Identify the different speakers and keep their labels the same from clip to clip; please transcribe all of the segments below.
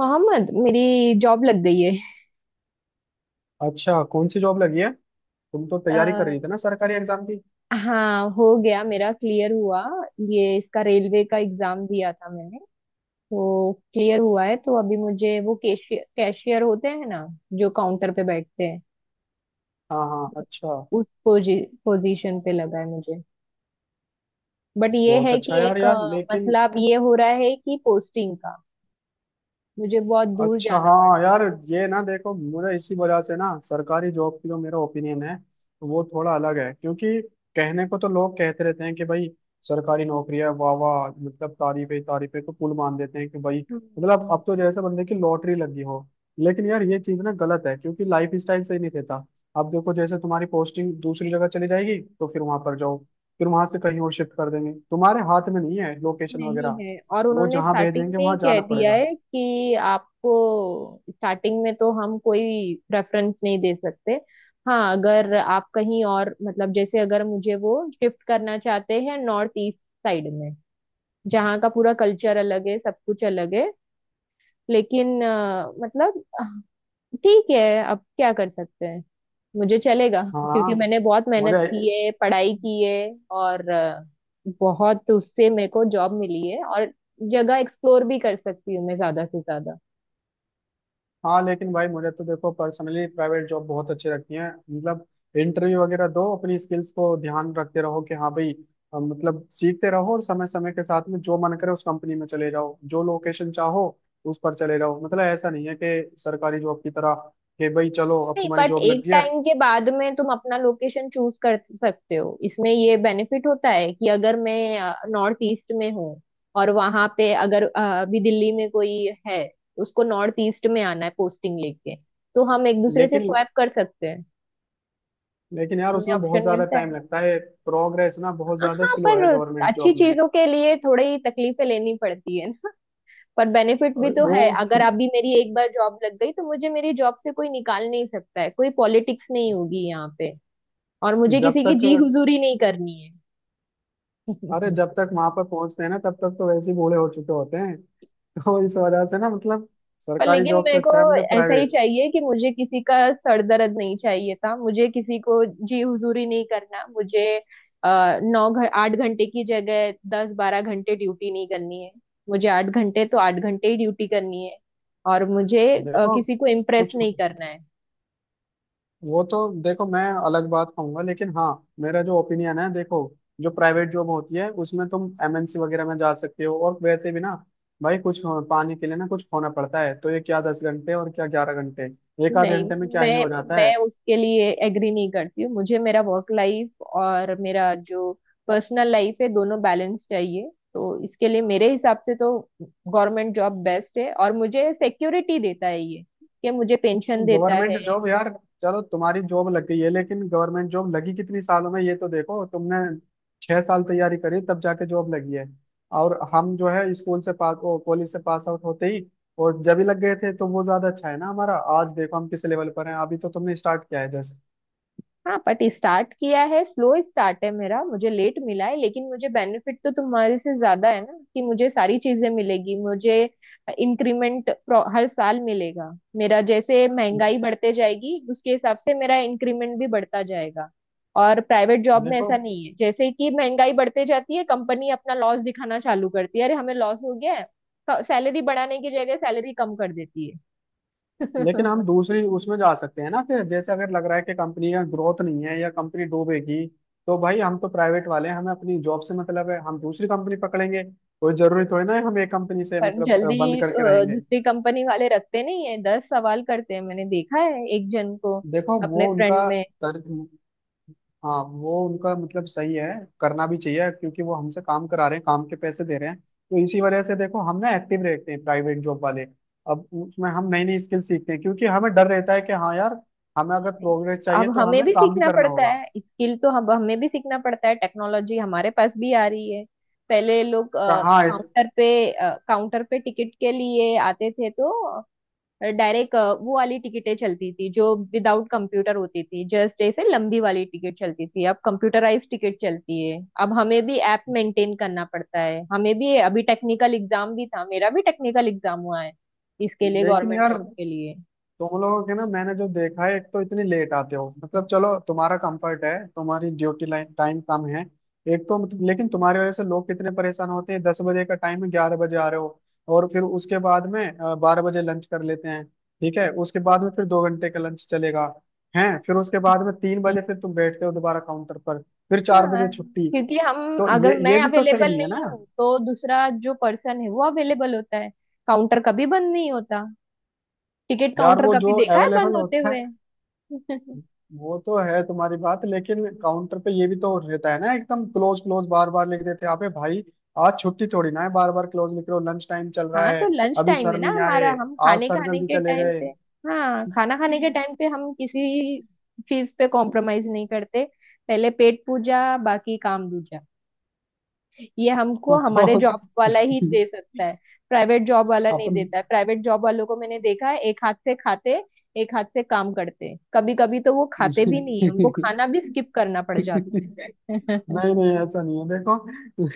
Speaker 1: मोहम्मद मेरी जॉब लग गई है।
Speaker 2: अच्छा, कौन सी जॉब लगी है? तुम तो तैयारी कर
Speaker 1: अ,
Speaker 2: रही थी ना सरकारी एग्जाम की।
Speaker 1: हाँ हो गया मेरा क्लियर हुआ। ये इसका रेलवे का एग्जाम दिया था मैंने, तो क्लियर हुआ है। तो अभी मुझे वो कैशियर कैशियर होते हैं ना, जो काउंटर पे बैठते हैं,
Speaker 2: हाँ हाँ, अच्छा।
Speaker 1: उस पोजीशन पे लगा है मुझे। बट ये
Speaker 2: बहुत
Speaker 1: है
Speaker 2: अच्छा
Speaker 1: कि
Speaker 2: यार,
Speaker 1: एक
Speaker 2: यार लेकिन,
Speaker 1: मसला अब ये हो रहा है कि पोस्टिंग का, मुझे बहुत दूर
Speaker 2: अच्छा,
Speaker 1: जाना पड़
Speaker 2: हाँ यार। ये ना देखो, मुझे इसी वजह से ना सरकारी जॉब की जो मेरा ओपिनियन है वो थोड़ा अलग है, क्योंकि कहने को तो लोग कहते रहते हैं कि भाई सरकारी नौकरी है, वाह वाह, मतलब तारीफे तारीफे को पुल मान देते हैं कि भाई,
Speaker 1: रहा
Speaker 2: मतलब अब
Speaker 1: है।
Speaker 2: तो जैसे बंदे की लॉटरी लगी हो। लेकिन यार ये चीज ना गलत है क्योंकि लाइफ स्टाइल सही नहीं रहता। अब देखो जैसे तुम्हारी पोस्टिंग दूसरी जगह चली जाएगी तो फिर वहां पर जाओ, फिर वहां से कहीं और शिफ्ट कर देंगे, तुम्हारे हाथ में नहीं है लोकेशन
Speaker 1: नहीं
Speaker 2: वगैरह।
Speaker 1: है, और
Speaker 2: वो
Speaker 1: उन्होंने
Speaker 2: जहाँ
Speaker 1: स्टार्टिंग
Speaker 2: भेजेंगे
Speaker 1: में ही
Speaker 2: वहां
Speaker 1: कह
Speaker 2: जाना
Speaker 1: दिया
Speaker 2: पड़ेगा।
Speaker 1: है कि आपको स्टार्टिंग में तो हम कोई प्रेफरेंस नहीं दे सकते। हाँ, अगर आप कहीं और मतलब जैसे अगर मुझे वो शिफ्ट करना चाहते हैं नॉर्थ ईस्ट साइड में, जहाँ का पूरा कल्चर अलग है, सब कुछ अलग है। लेकिन मतलब ठीक है, अब क्या कर सकते हैं, मुझे चलेगा।
Speaker 2: हाँ,
Speaker 1: क्योंकि मैंने बहुत मेहनत
Speaker 2: मुझे।
Speaker 1: की है, पढ़ाई की है, और बहुत उससे मेरे को जॉब मिली है, और जगह एक्सप्लोर भी कर सकती हूँ मैं ज्यादा से ज्यादा।
Speaker 2: हाँ लेकिन भाई मुझे तो देखो पर्सनली प्राइवेट जॉब बहुत अच्छी लगती है, मतलब इंटरव्यू वगैरह दो, अपनी स्किल्स को ध्यान रखते रहो कि हाँ भाई, मतलब सीखते रहो और समय समय के साथ में जो मन करे उस कंपनी में चले जाओ, जो लोकेशन चाहो उस पर चले जाओ। मतलब ऐसा नहीं है कि सरकारी जॉब की तरह कि भाई चलो अब
Speaker 1: नहीं
Speaker 2: तुम्हारी
Speaker 1: बट
Speaker 2: जॉब लग
Speaker 1: एक
Speaker 2: गई है।
Speaker 1: टाइम के बाद में तुम अपना लोकेशन चूज कर सकते हो, इसमें ये बेनिफिट होता है कि अगर मैं नॉर्थ ईस्ट में हूँ और वहां पे, अगर अभी दिल्ली में कोई है, उसको नॉर्थ ईस्ट में आना है पोस्टिंग लेके, तो हम एक दूसरे से
Speaker 2: लेकिन
Speaker 1: स्वैप कर सकते हैं,
Speaker 2: लेकिन यार
Speaker 1: हमें
Speaker 2: उसमें बहुत
Speaker 1: ऑप्शन
Speaker 2: ज्यादा
Speaker 1: मिलता
Speaker 2: टाइम
Speaker 1: है।
Speaker 2: लगता है। प्रोग्रेस ना बहुत ज्यादा
Speaker 1: हाँ
Speaker 2: स्लो
Speaker 1: पर
Speaker 2: है गवर्नमेंट
Speaker 1: अच्छी
Speaker 2: जॉब में।
Speaker 1: चीजों के लिए थोड़ी तकलीफें लेनी पड़ती है ना। पर बेनिफिट भी
Speaker 2: और
Speaker 1: तो
Speaker 2: वो।
Speaker 1: है, अगर अभी मेरी एक बार जॉब लग गई तो मुझे मेरी जॉब से कोई निकाल नहीं सकता है, कोई पॉलिटिक्स नहीं होगी यहाँ पे, और मुझे
Speaker 2: जब
Speaker 1: किसी की
Speaker 2: तक
Speaker 1: जी हुजूरी नहीं करनी
Speaker 2: अरे,
Speaker 1: है।
Speaker 2: जब तक वहां पर पहुंचते हैं ना तब तक तो वैसे ही बूढ़े हो चुके होते हैं। तो इस वजह से ना, मतलब
Speaker 1: पर
Speaker 2: सरकारी
Speaker 1: लेकिन
Speaker 2: जॉब से
Speaker 1: मेरे को
Speaker 2: अच्छा है मुझे
Speaker 1: ऐसा ही
Speaker 2: प्राइवेट।
Speaker 1: चाहिए कि मुझे किसी का सर दर्द नहीं चाहिए था, मुझे किसी को जी हुजूरी नहीं करना, मुझे अ, 8 घंटे की जगह 10 12 घंटे ड्यूटी नहीं करनी है, मुझे 8 घंटे तो 8 घंटे ही ड्यूटी करनी है। और मुझे
Speaker 2: देखो
Speaker 1: किसी को इम्प्रेस
Speaker 2: कुछ
Speaker 1: नहीं करना है।
Speaker 2: वो तो देखो मैं अलग बात कहूंगा लेकिन हाँ, मेरा जो ओपिनियन है देखो, जो प्राइवेट जॉब होती है उसमें तुम एमएनसी वगैरह में जा सकते हो, और वैसे भी ना भाई कुछ पाने के लिए ना कुछ होना पड़ता है, तो ये क्या 10 घंटे और क्या 11 घंटे, एक आध
Speaker 1: नहीं,
Speaker 2: घंटे में क्या ही
Speaker 1: मैं
Speaker 2: हो जाता
Speaker 1: मैं
Speaker 2: है।
Speaker 1: उसके लिए एग्री नहीं करती हूँ। मुझे मेरा वर्क लाइफ और मेरा जो पर्सनल लाइफ है दोनों बैलेंस चाहिए, तो इसके लिए मेरे हिसाब से तो गवर्नमेंट जॉब बेस्ट है, और मुझे सिक्योरिटी देता है ये कि मुझे पेंशन देता
Speaker 2: गवर्नमेंट
Speaker 1: है।
Speaker 2: जॉब यार, चलो तुम्हारी जॉब लग गई है लेकिन गवर्नमेंट जॉब लगी कितनी सालों में? ये तो देखो तुमने 6 साल तैयारी करी तब जाके जॉब लगी है। और हम जो है स्कूल से पास ओ कॉलेज से पास आउट होते ही और जब ही लग गए थे तो वो ज्यादा अच्छा है ना, हमारा आज देखो हम किस लेवल पर हैं, अभी तो तुमने स्टार्ट किया है जैसे।
Speaker 1: हाँ बट स्टार्ट किया है, स्लो स्टार्ट है मेरा, मुझे लेट मिला है, लेकिन मुझे बेनिफिट तो तुम्हारे से ज्यादा है ना कि मुझे सारी चीजें मिलेगी, मुझे इंक्रीमेंट हर साल मिलेगा। मेरा जैसे महंगाई बढ़ते जाएगी उसके हिसाब से मेरा इंक्रीमेंट भी बढ़ता जाएगा। और प्राइवेट जॉब में
Speaker 2: देखो,
Speaker 1: ऐसा नहीं है, जैसे कि महंगाई बढ़ते जाती है कंपनी अपना लॉस दिखाना चालू करती है, अरे हमें लॉस हो गया है, सैलरी बढ़ाने की जगह सैलरी कम कर देती है।
Speaker 2: लेकिन हम दूसरी उसमें जा सकते हैं ना फिर, जैसे अगर लग रहा है कि कंपनी का ग्रोथ नहीं है या कंपनी डूबेगी तो भाई हम तो प्राइवेट वाले हैं, हमें अपनी जॉब से मतलब है, हम दूसरी कंपनी पकड़ेंगे, कोई जरूरी थोड़ी ना है हम एक कंपनी से
Speaker 1: पर
Speaker 2: मतलब
Speaker 1: जल्दी
Speaker 2: बंद करके रहेंगे।
Speaker 1: दूसरी कंपनी वाले रखते नहीं है, 10 सवाल करते हैं, मैंने देखा है एक जन को
Speaker 2: देखो
Speaker 1: अपने
Speaker 2: वो
Speaker 1: फ्रेंड
Speaker 2: उनका
Speaker 1: में।
Speaker 2: तर्क हाँ, वो उनका मतलब सही है, करना भी चाहिए क्योंकि वो हमसे काम करा रहे हैं, काम के पैसे दे रहे हैं, तो इसी वजह से देखो हम ना एक्टिव रहते हैं प्राइवेट जॉब वाले। अब उसमें हम नई नई स्किल सीखते हैं क्योंकि हमें डर रहता है कि हाँ यार, हमें अगर प्रोग्रेस
Speaker 1: अब
Speaker 2: चाहिए तो
Speaker 1: हमें
Speaker 2: हमें
Speaker 1: भी
Speaker 2: काम भी
Speaker 1: सीखना
Speaker 2: करना
Speaker 1: पड़ता
Speaker 2: होगा।
Speaker 1: है स्किल, तो हम हमें भी सीखना पड़ता है, टेक्नोलॉजी हमारे पास भी आ रही है। पहले लोग
Speaker 2: कहाँ इस
Speaker 1: काउंटर पे टिकट के लिए आते थे, तो डायरेक्ट वो वाली टिकटें चलती थी जो विदाउट कंप्यूटर होती थी, जस्ट ऐसे लंबी वाली टिकट चलती थी। अब कंप्यूटराइज टिकट चलती है, अब हमें भी ऐप मेंटेन करना पड़ता है, हमें भी अभी टेक्निकल एग्जाम भी था, मेरा भी टेक्निकल एग्जाम हुआ है इसके लिए,
Speaker 2: लेकिन
Speaker 1: गवर्नमेंट जॉब
Speaker 2: यार,
Speaker 1: के लिए।
Speaker 2: तुम लोगों के ना मैंने जो देखा है, एक तो इतनी लेट आते हो, मतलब चलो तुम्हारा कंफर्ट है, तुम्हारी ड्यूटी लाइन टाइम कम है, एक तो, मतलब लेकिन तुम्हारी वजह से लोग कितने परेशान होते हैं, 10 बजे का टाइम है 11 बजे आ रहे हो, और फिर उसके बाद में 12 बजे लंच कर लेते हैं, ठीक है, उसके बाद
Speaker 1: पर-
Speaker 2: में फिर 2 घंटे का लंच चलेगा है, फिर उसके बाद में 3 बजे फिर तुम बैठते हो दोबारा काउंटर पर, फिर चार
Speaker 1: हाँ,
Speaker 2: बजे छुट्टी।
Speaker 1: क्योंकि हम
Speaker 2: तो ये
Speaker 1: अगर
Speaker 2: ये
Speaker 1: मैं
Speaker 2: भी तो सही
Speaker 1: अवेलेबल
Speaker 2: नहीं है
Speaker 1: नहीं
Speaker 2: ना।
Speaker 1: हूँ तो दूसरा जो पर्सन है वो अवेलेबल होता है, काउंटर कभी बंद नहीं होता, टिकट
Speaker 2: यार
Speaker 1: काउंटर
Speaker 2: वो
Speaker 1: कभी
Speaker 2: जो
Speaker 1: देखा है
Speaker 2: अवेलेबल
Speaker 1: बंद होते
Speaker 2: होता है
Speaker 1: हुए?
Speaker 2: वो तो है तुम्हारी बात, लेकिन काउंटर पे ये भी तो रहता है ना, एकदम क्लोज क्लोज बार बार लिख देते हैं, अबे भाई आज छुट्टी थोड़ी ना है, बार बार क्लोज लिख रहे हो, लंच टाइम चल रहा
Speaker 1: हाँ तो
Speaker 2: है,
Speaker 1: लंच
Speaker 2: अभी
Speaker 1: टाइम है
Speaker 2: सर
Speaker 1: ना
Speaker 2: नहीं
Speaker 1: हमारा,
Speaker 2: आए,
Speaker 1: हम
Speaker 2: आज
Speaker 1: खाने
Speaker 2: सर
Speaker 1: खाने
Speaker 2: जल्दी
Speaker 1: के
Speaker 2: चले
Speaker 1: टाइम
Speaker 2: गए।
Speaker 1: पे, हाँ खाना खाने के टाइम पे हम किसी चीज पे कॉम्प्रोमाइज नहीं करते। पहले पेट पूजा, बाकी काम दूजा। ये हमको हमारे
Speaker 2: तो
Speaker 1: जॉब वाला ही दे सकता है, प्राइवेट जॉब वाला नहीं
Speaker 2: अपन
Speaker 1: देता है। प्राइवेट जॉब वालों को मैंने देखा है एक हाथ से खाते, एक हाथ से काम करते, कभी कभी तो वो खाते भी नहीं है, उनको
Speaker 2: नहीं,
Speaker 1: खाना भी स्किप करना पड़ जाता
Speaker 2: नहीं, ऐसा नहीं है। देखो,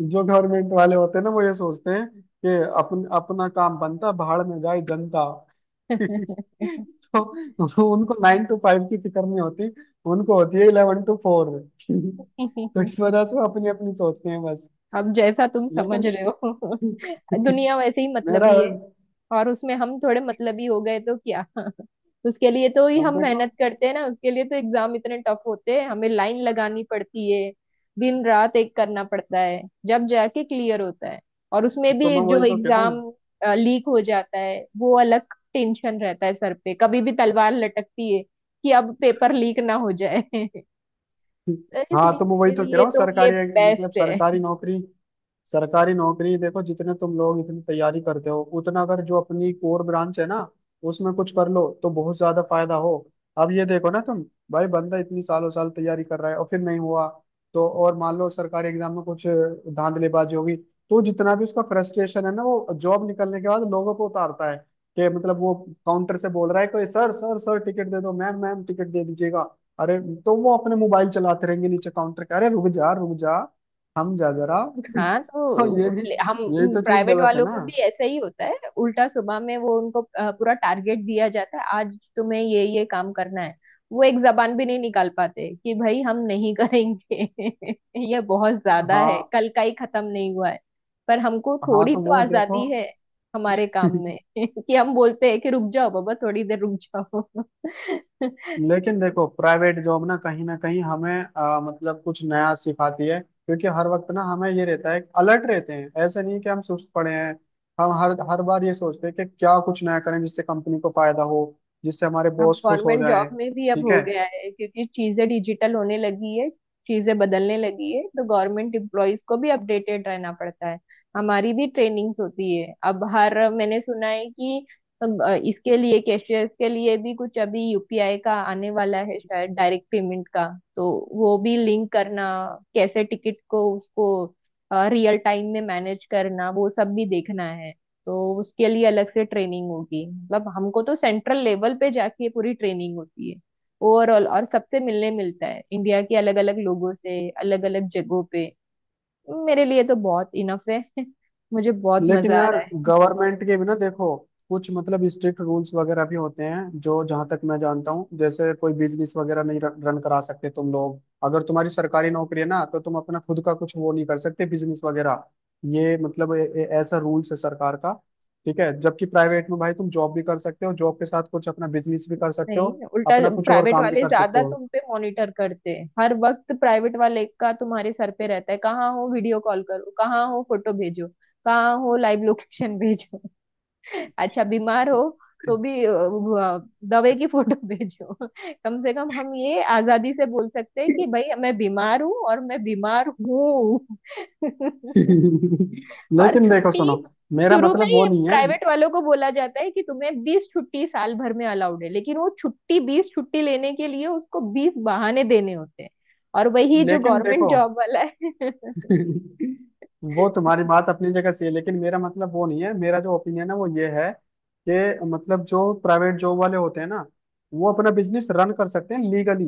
Speaker 2: जो गवर्नमेंट वाले होते हैं ना वो ये सोचते हैं कि अपन अपना काम बनता, भाड़ में जाए जनता। तो उनको 9 to 5 की फिक्र नहीं होती, उनको होती है 11 to 4। तो इस
Speaker 1: है।
Speaker 2: वजह से वो अपनी अपनी सोचते हैं बस।
Speaker 1: अब जैसा तुम समझ
Speaker 2: लेकिन
Speaker 1: रहे हो। दुनिया वैसे ही
Speaker 2: मेरा
Speaker 1: मतलबी है, और उसमें हम थोड़े मतलबी हो गए तो क्या? उसके लिए तो ही
Speaker 2: अब
Speaker 1: हम
Speaker 2: देखो
Speaker 1: मेहनत करते हैं ना, उसके लिए तो एग्जाम इतने टफ होते हैं, हमें लाइन लगानी पड़ती है, दिन रात एक करना पड़ता है, जब जाके क्लियर होता है। और उसमें
Speaker 2: तो
Speaker 1: भी
Speaker 2: मैं वही
Speaker 1: जो
Speaker 2: तो कह रहा
Speaker 1: एग्जाम
Speaker 2: हूँ।
Speaker 1: लीक हो जाता है वो अलग टेंशन रहता है, सर पे कभी भी तलवार लटकती है कि अब पेपर लीक ना हो जाए। तो
Speaker 2: हाँ
Speaker 1: इसलिए
Speaker 2: तो मैं वही
Speaker 1: मेरे
Speaker 2: तो कह
Speaker 1: लिए
Speaker 2: रहा हूँ,
Speaker 1: तो ये
Speaker 2: सरकारी, मतलब
Speaker 1: बेस्ट है।
Speaker 2: सरकारी नौकरी। सरकारी नौकरी देखो, जितने तुम लोग इतनी तैयारी करते हो, उतना अगर जो अपनी कोर ब्रांच है ना उसमें कुछ कर लो तो बहुत ज्यादा फायदा हो। अब ये देखो ना तुम, भाई बंदा इतनी सालों साल तैयारी कर रहा है और फिर नहीं हुआ तो, और मान लो सरकारी एग्जाम में कुछ धांधलीबाजी होगी, तो जितना भी उसका फ्रस्ट्रेशन है ना वो जॉब निकलने के बाद लोगों को उतारता है, कि मतलब वो काउंटर से बोल रहा है, कोई सर सर सर टिकट दे दो, मैम मैम टिकट दे दीजिएगा, अरे, तो वो अपने मोबाइल चलाते रहेंगे नीचे काउंटर के, अरे रुक जा हम जा जरा।
Speaker 1: हाँ
Speaker 2: तो ये
Speaker 1: तो
Speaker 2: भी,
Speaker 1: हम
Speaker 2: यही तो चीज
Speaker 1: प्राइवेट
Speaker 2: गलत है
Speaker 1: वालों
Speaker 2: ना।
Speaker 1: को भी ऐसा ही होता है उल्टा, सुबह में वो उनको पूरा टारगेट दिया जाता है, आज तुम्हें ये काम करना है, वो एक जबान भी नहीं निकाल पाते कि भाई हम नहीं करेंगे, ये बहुत ज्यादा है,
Speaker 2: हाँ
Speaker 1: कल का ही खत्म नहीं हुआ है। पर हमको
Speaker 2: हाँ,
Speaker 1: थोड़ी
Speaker 2: तो
Speaker 1: तो
Speaker 2: वो देखो।
Speaker 1: आजादी है हमारे काम में, कि हम बोलते हैं कि रुक जाओ बाबा, थोड़ी देर रुक जाओ।
Speaker 2: लेकिन देखो, प्राइवेट जॉब ना कहीं हमें मतलब कुछ नया सिखाती है, क्योंकि हर वक्त ना हमें ये रहता है, अलर्ट रहते हैं ऐसे नहीं कि हम सुस्त पड़े हैं। हम हर हर बार ये सोचते हैं कि क्या कुछ नया करें जिससे कंपनी को फायदा हो, जिससे हमारे
Speaker 1: अब
Speaker 2: बॉस खुश हो
Speaker 1: गवर्नमेंट
Speaker 2: जाए।
Speaker 1: जॉब में भी अब
Speaker 2: ठीक
Speaker 1: हो
Speaker 2: है
Speaker 1: गया है, क्योंकि चीजें डिजिटल होने लगी है, चीजें बदलने लगी है, तो गवर्नमेंट एम्प्लॉयज को भी अपडेटेड रहना पड़ता है। हमारी भी ट्रेनिंग्स होती है अब, हर मैंने सुना है कि अ, इसके लिए कैशियर्स के लिए भी कुछ अभी यूपीआई का आने वाला है शायद डायरेक्ट पेमेंट का, तो वो भी लिंक करना, कैसे टिकट को उसको रियल टाइम में मैनेज करना, वो सब भी देखना है। तो उसके लिए अलग से ट्रेनिंग होगी, मतलब हमको तो सेंट्रल लेवल पे जाके पूरी ट्रेनिंग होती है ओवरऑल, और सबसे मिलने मिलता है, इंडिया के अलग अलग लोगों से, अलग अलग जगहों पे। मेरे लिए तो बहुत इनफ है। मुझे बहुत
Speaker 2: लेकिन
Speaker 1: मजा आ
Speaker 2: यार,
Speaker 1: रहा है।
Speaker 2: गवर्नमेंट के भी ना देखो कुछ, मतलब स्ट्रिक्ट रूल्स वगैरह भी होते हैं, जो जहां तक मैं जानता हूँ जैसे कोई बिजनेस वगैरह नहीं रन करा सकते तुम लोग, अगर तुम्हारी सरकारी नौकरी है ना तो तुम अपना खुद का कुछ वो नहीं कर सकते, बिजनेस वगैरह। ये मतलब ए, ए, ऐसा रूल्स है सरकार का, ठीक है, जबकि प्राइवेट में भाई तुम जॉब भी कर सकते हो, जॉब के साथ कुछ अपना बिजनेस भी कर सकते हो,
Speaker 1: नहीं उल्टा,
Speaker 2: अपना कुछ और
Speaker 1: प्राइवेट
Speaker 2: काम भी
Speaker 1: वाले
Speaker 2: कर सकते
Speaker 1: ज्यादा
Speaker 2: हो।
Speaker 1: तुम पे मॉनिटर करते हैं, हर वक्त प्राइवेट वाले का तुम्हारे सर पे रहता है, कहाँ हो वीडियो कॉल करो, कहाँ हो फोटो भेजो, कहाँ हो लाइव लोकेशन भेजो, अच्छा बीमार हो तो भी दवाई की फोटो भेजो। कम से कम हम ये आजादी से बोल सकते हैं कि भाई मैं बीमार हूँ, और मैं बीमार हूँ। और
Speaker 2: लेकिन देखो
Speaker 1: छुट्टी
Speaker 2: सुनो, मेरा
Speaker 1: शुरू में
Speaker 2: मतलब वो
Speaker 1: ही
Speaker 2: नहीं है।
Speaker 1: प्राइवेट वालों को बोला जाता है कि तुम्हें 20 छुट्टी साल भर में अलाउड है, लेकिन वो छुट्टी, 20 छुट्टी लेने के लिए उसको 20 बहाने देने होते हैं, और वही जो
Speaker 2: लेकिन
Speaker 1: गवर्नमेंट
Speaker 2: देखो
Speaker 1: जॉब वाला है।
Speaker 2: वो तुम्हारी बात अपनी जगह सही है, लेकिन मेरा मतलब वो नहीं है, मेरा जो ओपिनियन है वो ये है कि मतलब जो प्राइवेट जॉब वाले होते हैं ना, वो अपना बिजनेस रन कर सकते हैं लीगली।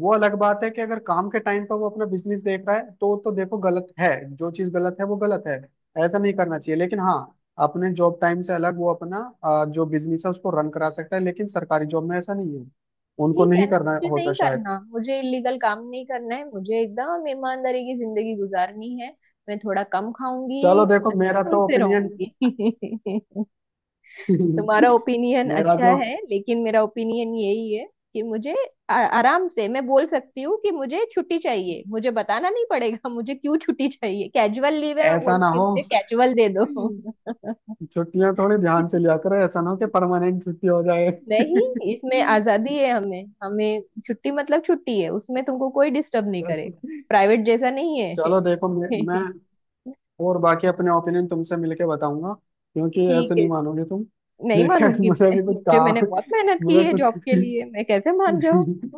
Speaker 2: वो अलग बात है कि अगर काम के टाइम पर वो अपना बिजनेस देख रहा है तो देखो गलत है। जो चीज गलत है वो गलत है, ऐसा नहीं करना चाहिए, लेकिन हाँ अपने जॉब टाइम से अलग वो अपना जो बिजनेस है उसको रन करा सकता है, लेकिन सरकारी जॉब में ऐसा नहीं है, उनको
Speaker 1: ठीक है
Speaker 2: नहीं
Speaker 1: ना,
Speaker 2: करना
Speaker 1: मुझे
Speaker 2: होता
Speaker 1: नहीं
Speaker 2: शायद।
Speaker 1: करना, मुझे इलीगल काम नहीं करना है, मुझे एकदम ईमानदारी की जिंदगी गुजारनी है। मैं थोड़ा कम खाऊंगी,
Speaker 2: चलो देखो
Speaker 1: थोड़ा
Speaker 2: मेरा
Speaker 1: सुकून
Speaker 2: तो
Speaker 1: से
Speaker 2: ओपिनियन।
Speaker 1: रहूंगी। तुम्हारा ओपिनियन
Speaker 2: मेरा
Speaker 1: अच्छा
Speaker 2: जो
Speaker 1: है, लेकिन मेरा ओपिनियन यही है कि मुझे आराम से मैं बोल सकती हूँ कि मुझे छुट्टी चाहिए, मुझे बताना नहीं पड़ेगा मुझे क्यों छुट्टी चाहिए, कैजुअल लीव है, मैं
Speaker 2: ऐसा ना
Speaker 1: बोलूंगी
Speaker 2: हो
Speaker 1: मुझे कैजुअल दे दो।
Speaker 2: छुट्टियां थोड़ी ध्यान से लिया करो, ऐसा ना हो कि परमानेंट छुट्टी हो जाए।
Speaker 1: नहीं, इसमें आजादी है, हमें हमें छुट्टी मतलब छुट्टी है, उसमें तुमको कोई डिस्टर्ब नहीं
Speaker 2: चलो,
Speaker 1: करेगा, प्राइवेट जैसा नहीं है।
Speaker 2: चलो देखो मैं, मैं और बाकी अपने ओपिनियन तुमसे मिलके बताऊंगा, क्योंकि
Speaker 1: ठीक
Speaker 2: ऐसे नहीं
Speaker 1: है,
Speaker 2: मानोगे तुम।
Speaker 1: नहीं
Speaker 2: ठीक है,
Speaker 1: मानूंगी
Speaker 2: मुझे
Speaker 1: मैं,
Speaker 2: भी कुछ
Speaker 1: मुझे मैंने
Speaker 2: काम
Speaker 1: बहुत मेहनत की
Speaker 2: मुझे
Speaker 1: है
Speaker 2: कुछ
Speaker 1: जॉब के लिए, मैं कैसे मान जाऊँ?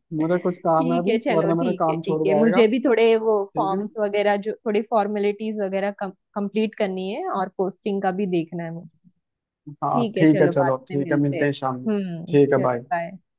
Speaker 2: मुझे कुछ काम है
Speaker 1: ठीक
Speaker 2: अभी
Speaker 1: है चलो,
Speaker 2: वरना मेरा
Speaker 1: ठीक है
Speaker 2: काम
Speaker 1: ठीक
Speaker 2: छोड़
Speaker 1: है,
Speaker 2: जाएगा।
Speaker 1: मुझे भी थोड़े वो
Speaker 2: ठीक है,
Speaker 1: फॉर्म्स वगैरह जो, थोड़ी फॉर्मेलिटीज वगैरह कंप्लीट करनी है, और पोस्टिंग का भी देखना है मुझे।
Speaker 2: हाँ
Speaker 1: ठीक है
Speaker 2: ठीक है,
Speaker 1: चलो, बाद
Speaker 2: चलो
Speaker 1: में
Speaker 2: ठीक है,
Speaker 1: मिलते
Speaker 2: मिलते
Speaker 1: हैं।
Speaker 2: हैं शाम में।
Speaker 1: हम्म,
Speaker 2: ठीक है,
Speaker 1: चलो
Speaker 2: बाय।
Speaker 1: बाय।